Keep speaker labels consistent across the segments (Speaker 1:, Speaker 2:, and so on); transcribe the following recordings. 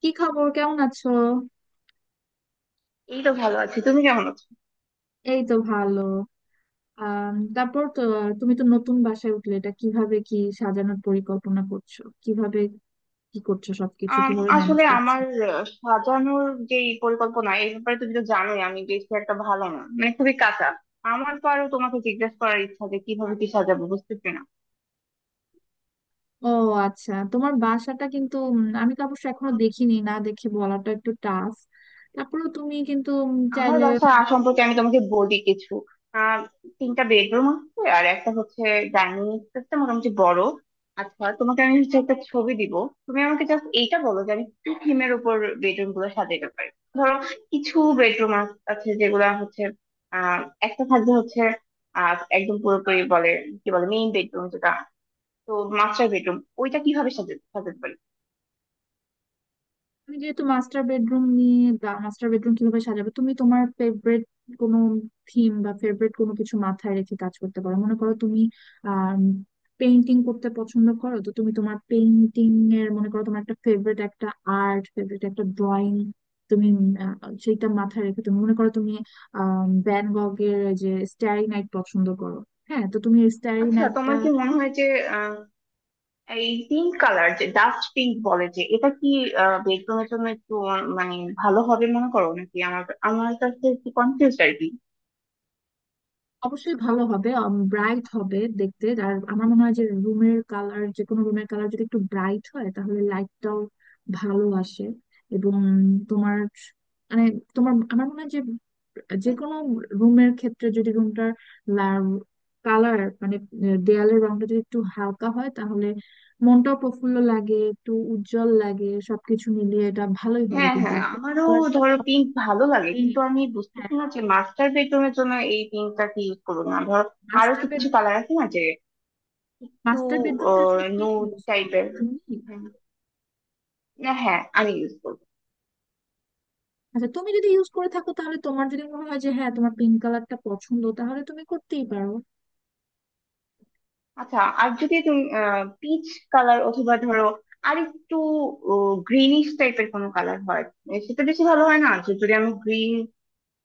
Speaker 1: কি খবর, কেমন আছো?
Speaker 2: এই তো ভালো আছি। তুমি কেমন আছো?
Speaker 1: এই তো ভালো। আহ তারপর তো তুমি তো নতুন বাসায় উঠলে, এটা কিভাবে কি সাজানোর পরিকল্পনা করছো? কিভাবে কি করছো? সবকিছু
Speaker 2: আম,
Speaker 1: কিভাবে ম্যানেজ
Speaker 2: আসলে
Speaker 1: করছো?
Speaker 2: আমার সাজানোর যে পরিকল্পনা, এই ব্যাপারে তুমি তো জানোই আমি বেশি একটা ভালো না, মানে খুবই কাঁচা। আমার তো আরো তোমাকে জিজ্ঞেস করার ইচ্ছা যে কিভাবে কি সাজাবো বুঝতেছি না।
Speaker 1: ও আচ্ছা, তোমার বাসাটা কিন্তু আমি তো অবশ্য এখনো দেখিনি, না দেখে বলাটা একটু টাফ। তারপরেও তুমি কিন্তু
Speaker 2: আমার
Speaker 1: চাইলে
Speaker 2: বাসা সম্পর্কে আমি তোমাকে বলি কিছু। আহ তিনটা বেডরুম আছে, আর একটা হচ্ছে ডাইনিং স্পেসটা মোটামুটি বড়। আচ্ছা, তোমাকে আমি হচ্ছে একটা ছবি দিব। তুমি আমাকে জাস্ট এইটা বলো যে আমি কি থিমের উপর বেডরুম গুলো সাজাতে পারি। ধরো কিছু বেডরুম আছে যেগুলা হচ্ছে আহ একটা থাকবে হচ্ছে একদম পুরোপুরি বলে কি বলে মেইন বেডরুম, যেটা তো মাস্টার বেডরুম, ওইটা কিভাবে সাজাতে সাজাতে পারি?
Speaker 1: তুমি যেহেতু মাস্টার বেডরুম নিয়ে, মাস্টার বেডরুম কিভাবে সাজাবে? তুমি তোমার ফেভারিট কোনো থিম বা ফেভারিট কোনো কিছু মাথায় রেখে কাজ করতে পারো। মনে করো তুমি আহ পেইন্টিং করতে পছন্দ করো, তো তুমি তোমার পেইন্টিং এর মনে করো তোমার একটা ফেভারিট একটা আর্ট, ফেভারিট একটা ড্রয়িং, তুমি আহ, সেইটা মাথায় রেখে তুমি মনে করো তুমি ভ্যান গগের যে স্টারি নাইট পছন্দ করো। হ্যাঁ, তো তুমি স্টারি
Speaker 2: আচ্ছা,
Speaker 1: নাইটটা
Speaker 2: তোমার কি মনে হয় যে এই পিঙ্ক কালার, যে ডাস্ট পিঙ্ক বলে, যে এটা কি বেডরুমের জন্য একটু মানে ভালো হবে মনে করো নাকি? আমার আমার কাছে একটু কনফিউজ আর কি।
Speaker 1: অবশ্যই ভালো হবে, ব্রাইট হবে দেখতে। আর আমার মনে হয় যে রুমের কালার, যে কোনো রুমের কালার যদি একটু ব্রাইট হয় তাহলে লাইটটাও ভালো আসে। এবং তোমার মানে তোমার আমার মনে হয় যে যে কোনো রুমের ক্ষেত্রে যদি রুমটার কালার মানে দেয়ালের রংটা যদি একটু হালকা হয় তাহলে মনটাও প্রফুল্ল লাগে, একটু উজ্জ্বল লাগে, সবকিছু মিলিয়ে এটা ভালোই হবে
Speaker 2: হ্যাঁ,
Speaker 1: কিন্তু।
Speaker 2: হ্যাঁ,
Speaker 1: আর
Speaker 2: আমারও
Speaker 1: কালারটা তো
Speaker 2: ধরো
Speaker 1: আপনার
Speaker 2: পিঙ্ক ভালো
Speaker 1: যেহেতু
Speaker 2: লাগে,
Speaker 1: মেয়ে।
Speaker 2: কিন্তু আমি বুঝতেছি না যে মাস্টার বেডরুমের জন্য এই পিঙ্কটা কি ইউজ করবো না। ধরো আরো
Speaker 1: হ্যাঁ,
Speaker 2: কিছু কালার আছে না, যে একটু
Speaker 1: মাস্টার বেডরুমটা আসলে কে
Speaker 2: নুড
Speaker 1: ইউজ করবে,
Speaker 2: টাইপের।
Speaker 1: তুমি?
Speaker 2: হ্যাঁ, হ্যাঁ, আমি ইউজ করবো।
Speaker 1: আচ্ছা, তুমি যদি ইউজ করে থাকো, তাহলে তোমার যদি মনে হয় যে হ্যাঁ, তোমার পিঙ্ক কালারটা পছন্দ, তাহলে তুমি করতেই পারো।
Speaker 2: আচ্ছা, আর যদি তুমি পিচ কালার অথবা ধরো আর একটু গ্রিনিশ টাইপের কোনো কালার হয়, এ সেটা বেশি ভালো হয় না? যে যদি আমি গ্রিন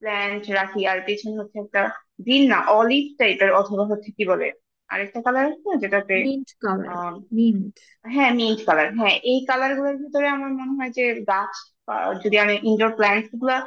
Speaker 2: প্ল্যান্ট রাখি আর পেছনে হচ্ছে একটা গ্রিন না অলিভ টাইপের, অথবা হচ্ছে কি বলে আরেকটা কালার আছে না, যেটাতে
Speaker 1: মিন্ট কালার।
Speaker 2: Ah
Speaker 1: mint.
Speaker 2: হ্যাঁ, মিন্ট কালার। হ্যাঁ, এই কালার গুলোর ভিতরে আমার মনে হয় যে গাছ, যদি আমি ইনডোর প্ল্যান্টস গুলা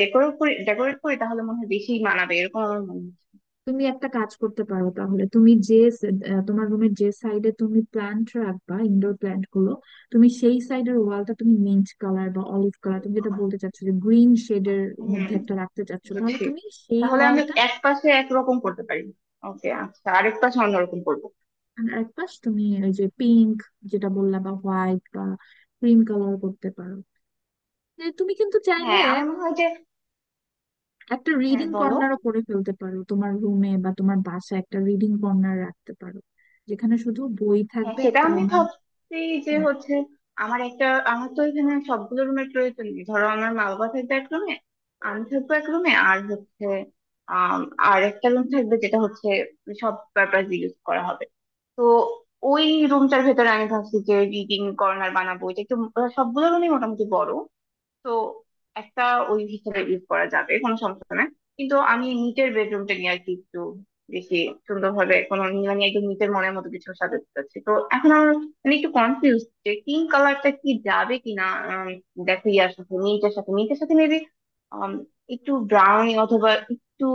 Speaker 2: ডেকোরেট করি তাহলে মনে হয় বেশি মানাবে, এরকম আমার মনে হয়।
Speaker 1: তুমি একটা কাজ করতে পারো, তাহলে তুমি যে তোমার রুমের যে সাইডে তুমি প্ল্যান্ট রাখবা, ইনডোর প্ল্যান্ট গুলো, তুমি সেই সাইডের ওয়ালটা তুমি মিন্ট কালার বা অলিভ কালার, তুমি যেটা বলতে চাচ্ছো, যে গ্রিন শেডের মধ্যে
Speaker 2: হম,
Speaker 1: একটা রাখতে চাচ্ছো, তাহলে
Speaker 2: বুঝছি।
Speaker 1: তুমি সেই
Speaker 2: তাহলে আমি
Speaker 1: ওয়ালটা।
Speaker 2: এক পাশে একরকম করতে পারি। ওকে, আচ্ছা, আরেক পাশে অন্যরকম করবো।
Speaker 1: আর একপাশ তুমি ওই যে পিঙ্ক, যেটা বললা, বা হোয়াইট বা ক্রিম কালার করতে পারো। যে তুমি কিন্তু চাইলে
Speaker 2: হ্যাঁ, আমার মনে হয় যে,
Speaker 1: একটা
Speaker 2: হ্যাঁ
Speaker 1: রিডিং
Speaker 2: বলো।
Speaker 1: কর্নারও করে ফেলতে পারো, তোমার রুমে বা তোমার বাসায় একটা রিডিং কর্নার রাখতে পারো যেখানে শুধু বই
Speaker 2: হ্যাঁ,
Speaker 1: থাকবে,
Speaker 2: সেটা
Speaker 1: একটা
Speaker 2: আমি
Speaker 1: আমার।
Speaker 2: ভাবছি যে
Speaker 1: হ্যাঁ
Speaker 2: হচ্ছে আমার একটা, আমার তো এখানে সবগুলো রুমের প্রয়োজন নেই। ধরো আমার মা বাবা থাকবে এক রুমে, আমি থাকবো এক রুমে, আর হচ্ছে আম, আর একটা রুম থাকবে যেটা হচ্ছে সব পারপাস ইউজ করা হবে। তো ওই রুমটার ভেতরে আমি ভাবছি যে রিডিং কর্নার বানাবো, এটা একটু। সবগুলো রুমই মোটামুটি বড়, তো একটা ওই হিসেবে ইউজ করা যাবে, কোনো সমস্যা না। কিন্তু আমি নিটের বেডরুমটা নিয়ে আর কি একটু বেশি সুন্দরভাবে কোনো মানে একদম নিটের মনের মতো কিছু সাজাতে চাচ্ছি। তো এখন আমার মানে একটু কনফিউজ, যে পিঙ্ক কালারটা কি যাবে কিনা না। দেখো ইয়ার সাথে, নীলটার সাথে মেবি একটু ব্রাউন, অথবা একটু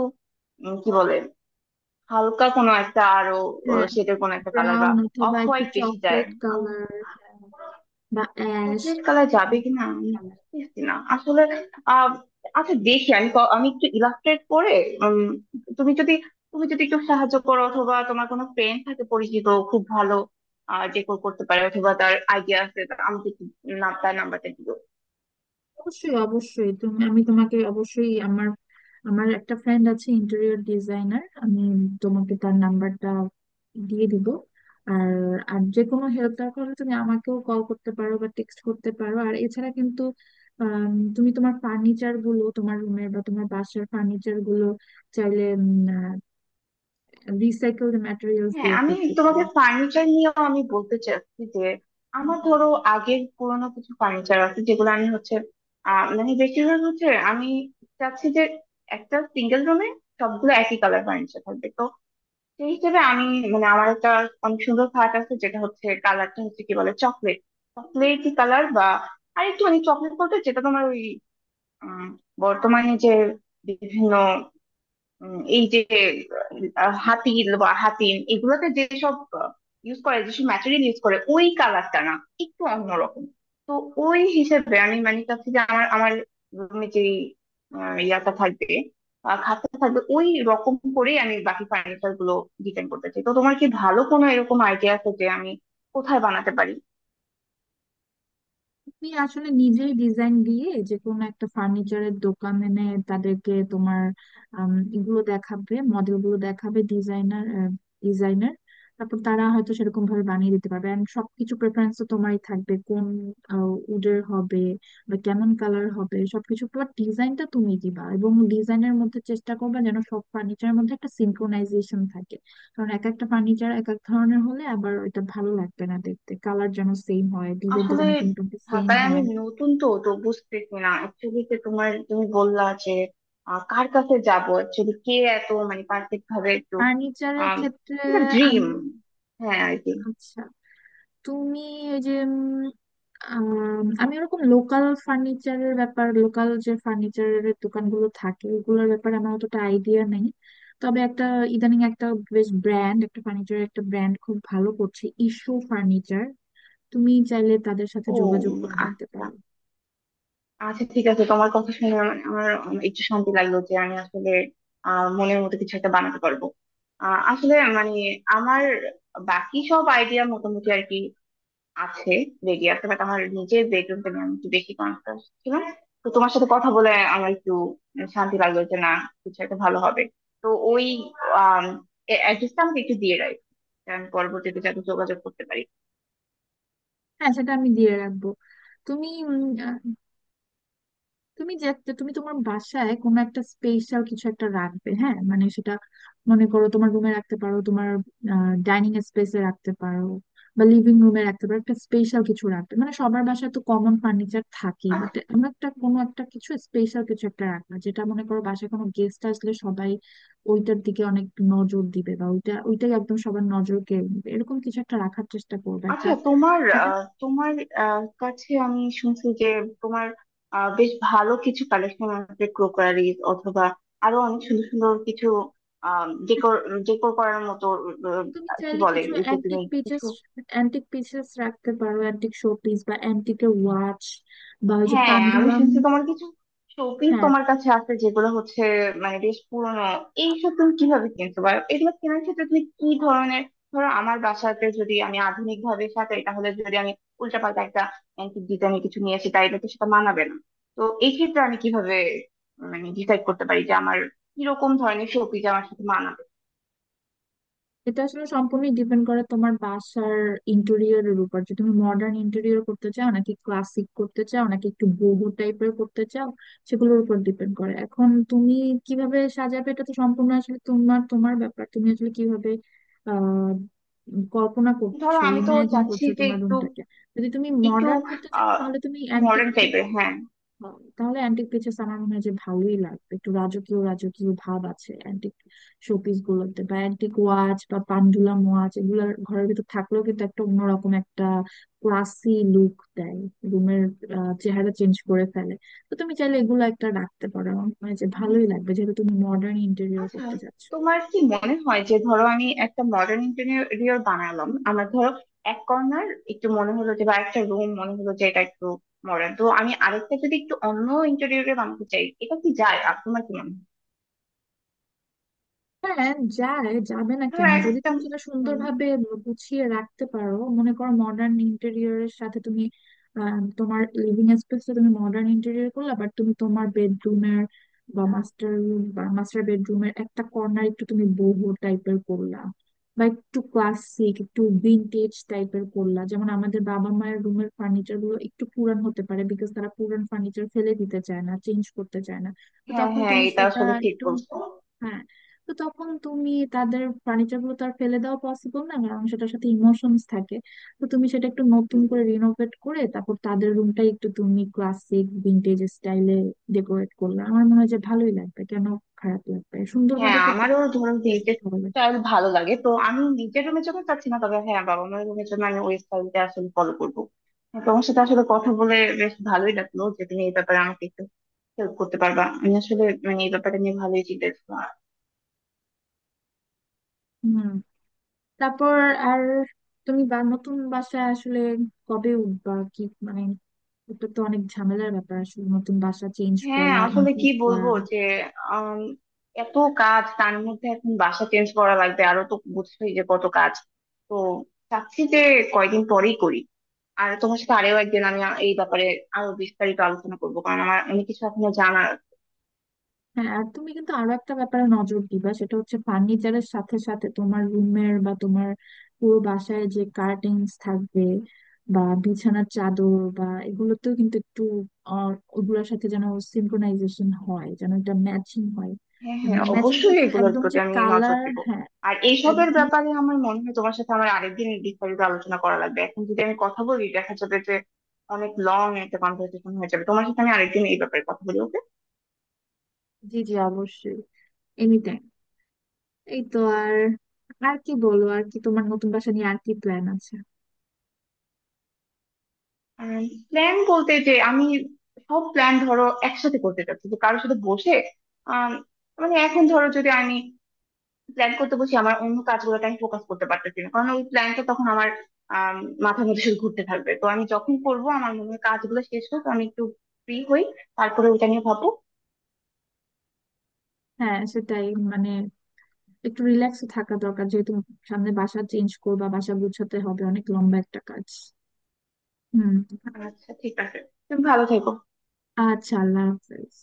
Speaker 2: কি বলে হালকা কোনো একটা আরো
Speaker 1: হ্যাঁ,
Speaker 2: শেডের কোনো একটা কালার, বা
Speaker 1: ব্রাউন
Speaker 2: অফ
Speaker 1: অথবা একটু
Speaker 2: হোয়াইট বেশি যায়।
Speaker 1: চকলেট কালার বা অ্যাশ।
Speaker 2: চকলেট কালার যাবে কিনা আমি বুঝতেছি না আসলে। আহ আচ্ছা, দেখি আমি আমি একটু ইলাস্ট্রেট করে উম, তুমি যদি তুমি যদি একটু সাহায্য করো, অথবা তোমার কোনো ফ্রেন্ড থাকে পরিচিত খুব ভালো, যে করতে পারে অথবা তার আইডিয়া আছে, তা আমাকে একটু নাম, তার নাম্বারটা দিও।
Speaker 1: অবশ্যই অবশ্যই, তুমি আমি তোমাকে অবশ্যই আমার আমার একটা ফ্রেন্ড আছে, ইন্টেরিয়র ডিজাইনার, আমি তোমাকে তার নাম্বারটা দিয়ে দিব। আর আর যে কোনো হেল্প দরকার হলে তুমি আমাকেও কল করতে পারো বা টেক্সট করতে পারো। আর এছাড়া কিন্তু আম, তুমি তোমার ফার্নিচার গুলো, তোমার রুমের বা তোমার বাসার ফার্নিচার গুলো চাইলে রিসাইকেলড ম্যাটেরিয়ালস
Speaker 2: হ্যাঁ,
Speaker 1: দিয়ে
Speaker 2: আমি
Speaker 1: করতে পারো।
Speaker 2: তোমাকে ফার্নিচার নিয়েও আমি বলতে চাচ্ছি যে আমার ধরো আগের পুরোনো কিছু ফার্নিচার আছে, যেগুলো আমি হচ্ছে মানে বেশিরভাগ হচ্ছে আমি চাচ্ছি যে একটা সিঙ্গেল রুমে সবগুলো একই কালার ফার্নিচার থাকবে। সেই হিসেবে আমি, মানে আমার একটা অনেক সুন্দর পার্ট আছে, যেটা হচ্ছে কালারটা হচ্ছে কি বলে চকলেট, চকলেটি কালার, বা আরেকটু মানে চকলেট বলতে যেটা তোমার ওই উম, বর্তমানে যে বিভিন্ন এই যে হাতি বা হাতিম এগুলোতে যেসব ইউজ করে, যেসব ম্যাটেরিয়াল ইউজ করে ওই কালারটা না, একটু অন্যরকম। তো ওই হিসেবে আমি মানে চাচ্ছি যে আমার আমার রুমে যে ইয়াটা থাকবে, খাটটা থাকবে, ওই রকম করে আমি বাকি ফার্নিচার গুলো ডিজাইন করতে চাই। তো তোমার কি ভালো কোনো এরকম আইডিয়া আছে যে আমি কোথায় বানাতে পারি?
Speaker 1: তুমি আসলে নিজেই ডিজাইন দিয়ে যে কোনো একটা ফার্নিচারের দোকানে এনে তাদেরকে তোমার এগুলো দেখাবে, মডেল গুলো দেখাবে, ডিজাইনার ডিজাইনার, তারপর তারা হয়তো সেরকম ভাবে বানিয়ে দিতে পারবে। এন্ড সবকিছু প্রেফারেন্স তো তোমারই থাকবে, কোন উডের হবে বা কেমন কালার হবে, সবকিছু পুরো ডিজাইনটা তুমি দিবা। এবং ডিজাইনের মধ্যে চেষ্টা করবে যেন সব ফার্নিচারের মধ্যে একটা সিনক্রোনাইজেশন থাকে, কারণ এক একটা ফার্নিচার এক এক ধরনের হলে আবার ওইটা ভালো লাগবে না দেখতে। কালার যেন সেম হয়, ডিজাইনটা
Speaker 2: আসলে
Speaker 1: যেন একটু মোটামুটি সেম
Speaker 2: ঢাকায় আমি
Speaker 1: হয়।
Speaker 2: নতুন, তো তো বুঝতেছি না অ্যাকচুয়ালি, যে তোমার তুমি বললা যে কার কাছে যাব অ্যাকচুয়ালি, কে এত মানে পারফেক্ট ভাবে একটু
Speaker 1: ফার্নিচারের
Speaker 2: আম,
Speaker 1: ক্ষেত্রে
Speaker 2: এটা ড্রিম।
Speaker 1: আমি
Speaker 2: হ্যাঁ আর কি।
Speaker 1: আচ্ছা, তুমি ওই যে আম, আমি ওরকম লোকাল ফার্নিচারের ব্যাপার, লোকাল যে ফার্নিচারের দোকানগুলো থাকে, ওগুলোর ব্যাপারে আমার অতটা আইডিয়া নেই। তবে একটা ইদানিং একটা বেশ ব্র্যান্ড, একটা ফার্নিচারের একটা ব্র্যান্ড খুব ভালো করছে, ইস্যু ফার্নিচার। তুমি চাইলে তাদের সাথে
Speaker 2: ও
Speaker 1: যোগাযোগ করে দেখতে
Speaker 2: আচ্ছা।
Speaker 1: পারো।
Speaker 2: আচ্ছা, ঠিক আছে, তোমার কথা শুনে আমার আমার একটু শান্তি লাগলো যে আমি আসলে মনের মতো কিছু একটা বানাতে পারবো। আসলে মানে আমার বাকি সব আইডিয়া মোটামুটি আর কি আছে, বেরিয়ে আছে, বাট আমার নিজের বেডরুমটা নিয়ে আমি একটু বেশি কনসাস ছিলাম। তো তোমার সাথে কথা বলে আমার একটু শান্তি লাগলো যে না, কিছু একটা ভালো হবে। তো ওই আম, অ্যাড্রেসটা আমাকে একটু দিয়ে রাখ, আমি পরবর্তীতে যাতে যোগাযোগ করতে পারি।
Speaker 1: হ্যাঁ, সেটা আমি দিয়ে রাখবো। তুমি তুমি যে তুমি তোমার বাসায় কোনো একটা স্পেশাল কিছু একটা রাখবে। হ্যাঁ মানে সেটা মনে করো তোমার রুমে রাখতে পারো, তোমার ডাইনিং স্পেসে রাখতে পারো বা লিভিং রুমে রাখতে পারো, একটা স্পেশাল কিছু রাখবে। মানে সবার বাসায় তো কমন ফার্নিচার থাকেই,
Speaker 2: আচ্ছা।
Speaker 1: বাট এমন একটা কোনো একটা কিছু স্পেশাল কিছু একটা রাখবে যেটা মনে করো বাসায় কোনো গেস্ট আসলে সবাই ওইটার দিকে অনেক নজর দিবে, বা ওইটা ওইটাই একদম সবার নজর কেড়ে নেবে, এরকম কিছু একটা রাখার চেষ্টা করবে একটা।
Speaker 2: আচ্ছা, তোমার তোমার কাছে আমি শুনছি যে তোমার বেশ ভালো কিছু কালেকশন আছে, ক্রোকারিজ অথবা আরো অনেক সুন্দর সুন্দর কিছু ডেকোর, করার মতো। আহ,
Speaker 1: তুমি
Speaker 2: কি
Speaker 1: চাইলে
Speaker 2: বলে
Speaker 1: কিছু
Speaker 2: ওই যে, তুমি
Speaker 1: অ্যান্টিক পিসেস,
Speaker 2: কিছু।
Speaker 1: অ্যান্টিক পিসেস রাখতে পারো, অ্যান্টিক শোপিস বা অ্যান্টিকের ওয়াচ বা ওই যে
Speaker 2: হ্যাঁ, আমি
Speaker 1: পান্ডুলাম।
Speaker 2: শুনছি তোমার কিছু শোপিস
Speaker 1: হ্যাঁ,
Speaker 2: তোমার কাছে আছে, যেগুলো হচ্ছে মানে বেশ পুরনো। এইসব তুমি কিভাবে কিনতে পারো, এগুলো কেনার ক্ষেত্রে তুমি কি ধরনের? ধরো আমার বাসাতে যদি আমি আধুনিক ভাবে সাজাই, তাহলে যদি আমি উল্টাপাল্টা একটা অ্যান্টিক ডিজাইনের কিছু নিয়ে আসি, তাইলে তো সেটা মানাবে না। তো এই ক্ষেত্রে আমি কিভাবে মানে ডিসাইড করতে পারি যে আমার কিরকম ধরনের শোপিস আমার সাথে মানাবে?
Speaker 1: এটা আসলে সম্পূর্ণই ডিপেন্ড করে তোমার বাসার ইন্টেরিয়রের উপর, যে তুমি মডার্ন ইন্টেরিয়র করতে চাও, নাকি ক্লাসিক করতে চাও, নাকি একটু বোহো টাইপের করতে চাও। সেগুলোর উপর ডিপেন্ড করে এখন তুমি কিভাবে সাজাবে, এটা তো সম্পূর্ণ আসলে তোমার তোমার ব্যাপার, তুমি আসলে কিভাবে আহ কল্পনা
Speaker 2: ধরো
Speaker 1: করছো,
Speaker 2: আমি তো
Speaker 1: ইমাজিন
Speaker 2: চাচ্ছি
Speaker 1: করছো
Speaker 2: যে
Speaker 1: তোমার
Speaker 2: একটু,
Speaker 1: রুমটাকে। যদি তুমি
Speaker 2: একটু
Speaker 1: মডার্ন করতে চাও
Speaker 2: আহ
Speaker 1: তাহলে তুমি অ্যান্টিক
Speaker 2: মডার্ন টাইপের, হ্যাঁ।
Speaker 1: হয়। তাহলে অ্যান্টিক পিসেস আমার মনে হয় যে ভালোই লাগবে, একটু রাজকীয় রাজকীয় ভাব আছে অ্যান্টিক শোপিস গুলোতে, বা অ্যান্টিক ওয়াচ বা পান্ডুলাম ওয়াচ এগুলোর ঘরের ভিতর থাকলেও কিন্তু একটা অন্যরকম একটা ক্লাসি লুক দেয়, রুমের চেহারা চেঞ্জ করে ফেলে। তো তুমি চাইলে এগুলো একটা রাখতে পারো, আমার মনে হয় যে ভালোই লাগবে, যেহেতু তুমি মডার্ন ইন্টেরিয়র
Speaker 2: আচ্ছা,
Speaker 1: করতে চাচ্ছ।
Speaker 2: তোমার কি মনে হয় যে, ধরো আমি একটা মডার্ন ইন্টেরিয়র বানালাম, আমার ধরো এক কর্নার একটু মনে হলো যে, বা একটা রুম মনে হলো যে এটা একটু মডার্ন, তো আমি আরেকটা যদি একটু অন্য ইন্টেরিয়রে বানাতে চাই, এটা কি যায় আর তোমার কি মনে হয়?
Speaker 1: হ্যাঁ যায়, যাবে না
Speaker 2: ধরো
Speaker 1: কেন, যদি
Speaker 2: একটা
Speaker 1: তুমি সেটা
Speaker 2: উম,
Speaker 1: সুন্দরভাবে গুছিয়ে রাখতে পারো। মনে করো মডার্ন ইন্টেরিয়রের সাথে তুমি তোমার লিভিং স্পেসটা তুমি মডার্ন ইন্টেরিয়র করলে, আবার তুমি তোমার বেডরুমের বা মাস্টার রুম বা মাস্টার বেডরুমের একটা কর্নার একটু তুমি বোহো টাইপের করলা, বা একটু ক্লাসিক একটু ভিন্টেজ টাইপের করলা, যেমন আমাদের বাবা মায়ের রুমের ফার্নিচার গুলো একটু পুরান হতে পারে বিকজ তারা পুরান ফার্নিচার ফেলে দিতে চায় না, চেঞ্জ করতে চায় না। তো
Speaker 2: হ্যাঁ,
Speaker 1: তখন
Speaker 2: হ্যাঁ,
Speaker 1: তুমি
Speaker 2: এটা
Speaker 1: সেটা
Speaker 2: আসলে ঠিক
Speaker 1: একটু
Speaker 2: বলছো।
Speaker 1: হ্যাঁ। তো তখন তুমি তাদের ফার্নিচার গুলো তো আর ফেলে দেওয়া পসিবল না, কারণ সেটার সাথে ইমোশনস থাকে। তো তুমি সেটা একটু নতুন করে রিনোভেট করে তারপর তাদের রুমটাই একটু তুমি ক্লাসিক ভিন্টেজ স্টাইলে ডেকোরেট করলে, আমার মনে হয় যে ভালোই লাগবে। কেন খারাপ লাগবে,
Speaker 2: হ্যাঁ,
Speaker 1: সুন্দরভাবে করতে
Speaker 2: আমারও
Speaker 1: পারলে সত্যি
Speaker 2: ধরো
Speaker 1: আসলে
Speaker 2: ভিন্টেজ
Speaker 1: ভালো লাগবে।
Speaker 2: স্টাইল ভালো লাগে, তো আমি নিজের রুমের জন্য চাচ্ছি না, তবে হ্যাঁ, বাবা মায়ের রুমের জন্য আমি ওই স্টাইলটা আসলে ফলো করবো। আর তোমার সাথে আসলে কথা বলে বেশ ভালোই লাগলো যে তুমি এই ব্যাপারে আমাকে একটু হেল্প করতে পারবা। আমি আসলে মানে এই ব্যাপারটা নিয়ে ভালোই চিন্তা।
Speaker 1: হুম, তারপর আর তুমি বা নতুন বাসায় আসলে কবে উঠবা, কি মানে এটা তো অনেক ঝামেলার ব্যাপার আসলে, নতুন বাসা চেঞ্জ
Speaker 2: হ্যাঁ,
Speaker 1: করা,
Speaker 2: আসলে কি
Speaker 1: ইমপ্রুভ করা।
Speaker 2: বলবো যে আম, এত কাজ, তার মধ্যে এখন বাসা চেঞ্জ করা লাগবে আরো, তো বুঝছোই যে কত কাজ। তো চাচ্ছি যে কয়দিন পরেই করি। আর তোমার সাথে আরো একদিন আমি এই ব্যাপারে আরো বিস্তারিত আলোচনা করবো, কারণ আমার অনেক কিছু এখনো জানার আছে।
Speaker 1: হ্যাঁ, আর তুমি কিন্তু আরো একটা ব্যাপারে নজর দিবা, সেটা হচ্ছে ফার্নিচারের সাথে সাথে তোমার রুমের বা তোমার পুরো বাসায় যে কার্টেন্স থাকবে, বা বিছানার চাদর বা এগুলোতেও কিন্তু একটু আহ, ওগুলোর সাথে যেন সিনক্রোনাইজেশন হয়, যেন এটা ম্যাচিং হয়।
Speaker 2: হ্যাঁ, হ্যাঁ,
Speaker 1: ম্যাচিং
Speaker 2: অবশ্যই
Speaker 1: বলতে
Speaker 2: এগুলোর
Speaker 1: একদম যে
Speaker 2: প্রতি আমি নজর
Speaker 1: কালার,
Speaker 2: দিব।
Speaker 1: হ্যাঁ
Speaker 2: আর এইসবের
Speaker 1: একদম।
Speaker 2: ব্যাপারে আমার মনে হয় তোমার সাথে আমার আরেকদিন বিস্তারিত আলোচনা করা লাগবে। এখন যদি আমি কথা বলি দেখা যাবে যে অনেক লং একটা কনভারসেশন হয়ে যাবে। তোমার সাথে আমি আরেকদিন এই ব্যাপারে কথা বলি, ওকে?
Speaker 1: জি জি, অবশ্যই, এনিটাইম। এই তো, আর আর কি বলো, আর কি তোমার নতুন বাসা নিয়ে আর কি প্ল্যান আছে?
Speaker 2: প্ল্যান বলতে যে আমি সব প্ল্যান ধরো একসাথে করতে চাচ্ছি, যে কারোর সাথে বসে। আম, মানে এখন ধরো যদি আমি প্ল্যান করতে বসি, আমার অন্য কাজগুলোতে আমি ফোকাস করতে পারতেছি না, কারণ ওই প্ল্যানটা তখন আমার আম, মাথার মধ্যে শুধু ঘুরতে থাকবে। তো আমি যখন করবো আমার মনে হয় কাজগুলো শেষ হোক, আমি একটু ফ্রি হই, তারপরে ওইটা নিয়ে ভাববো।
Speaker 1: হ্যাঁ, সেটাই মানে একটু রিল্যাক্স থাকা দরকার, যেহেতু সামনে বাসা চেঞ্জ করবা, বাসা গুছাতে হবে, অনেক লম্বা একটা কাজ। হুম,
Speaker 2: আচ্ছা, ঠিক আছে। তুমি ভালো থেকো।
Speaker 1: আচ্ছা, আল্লাহ হাফেজ।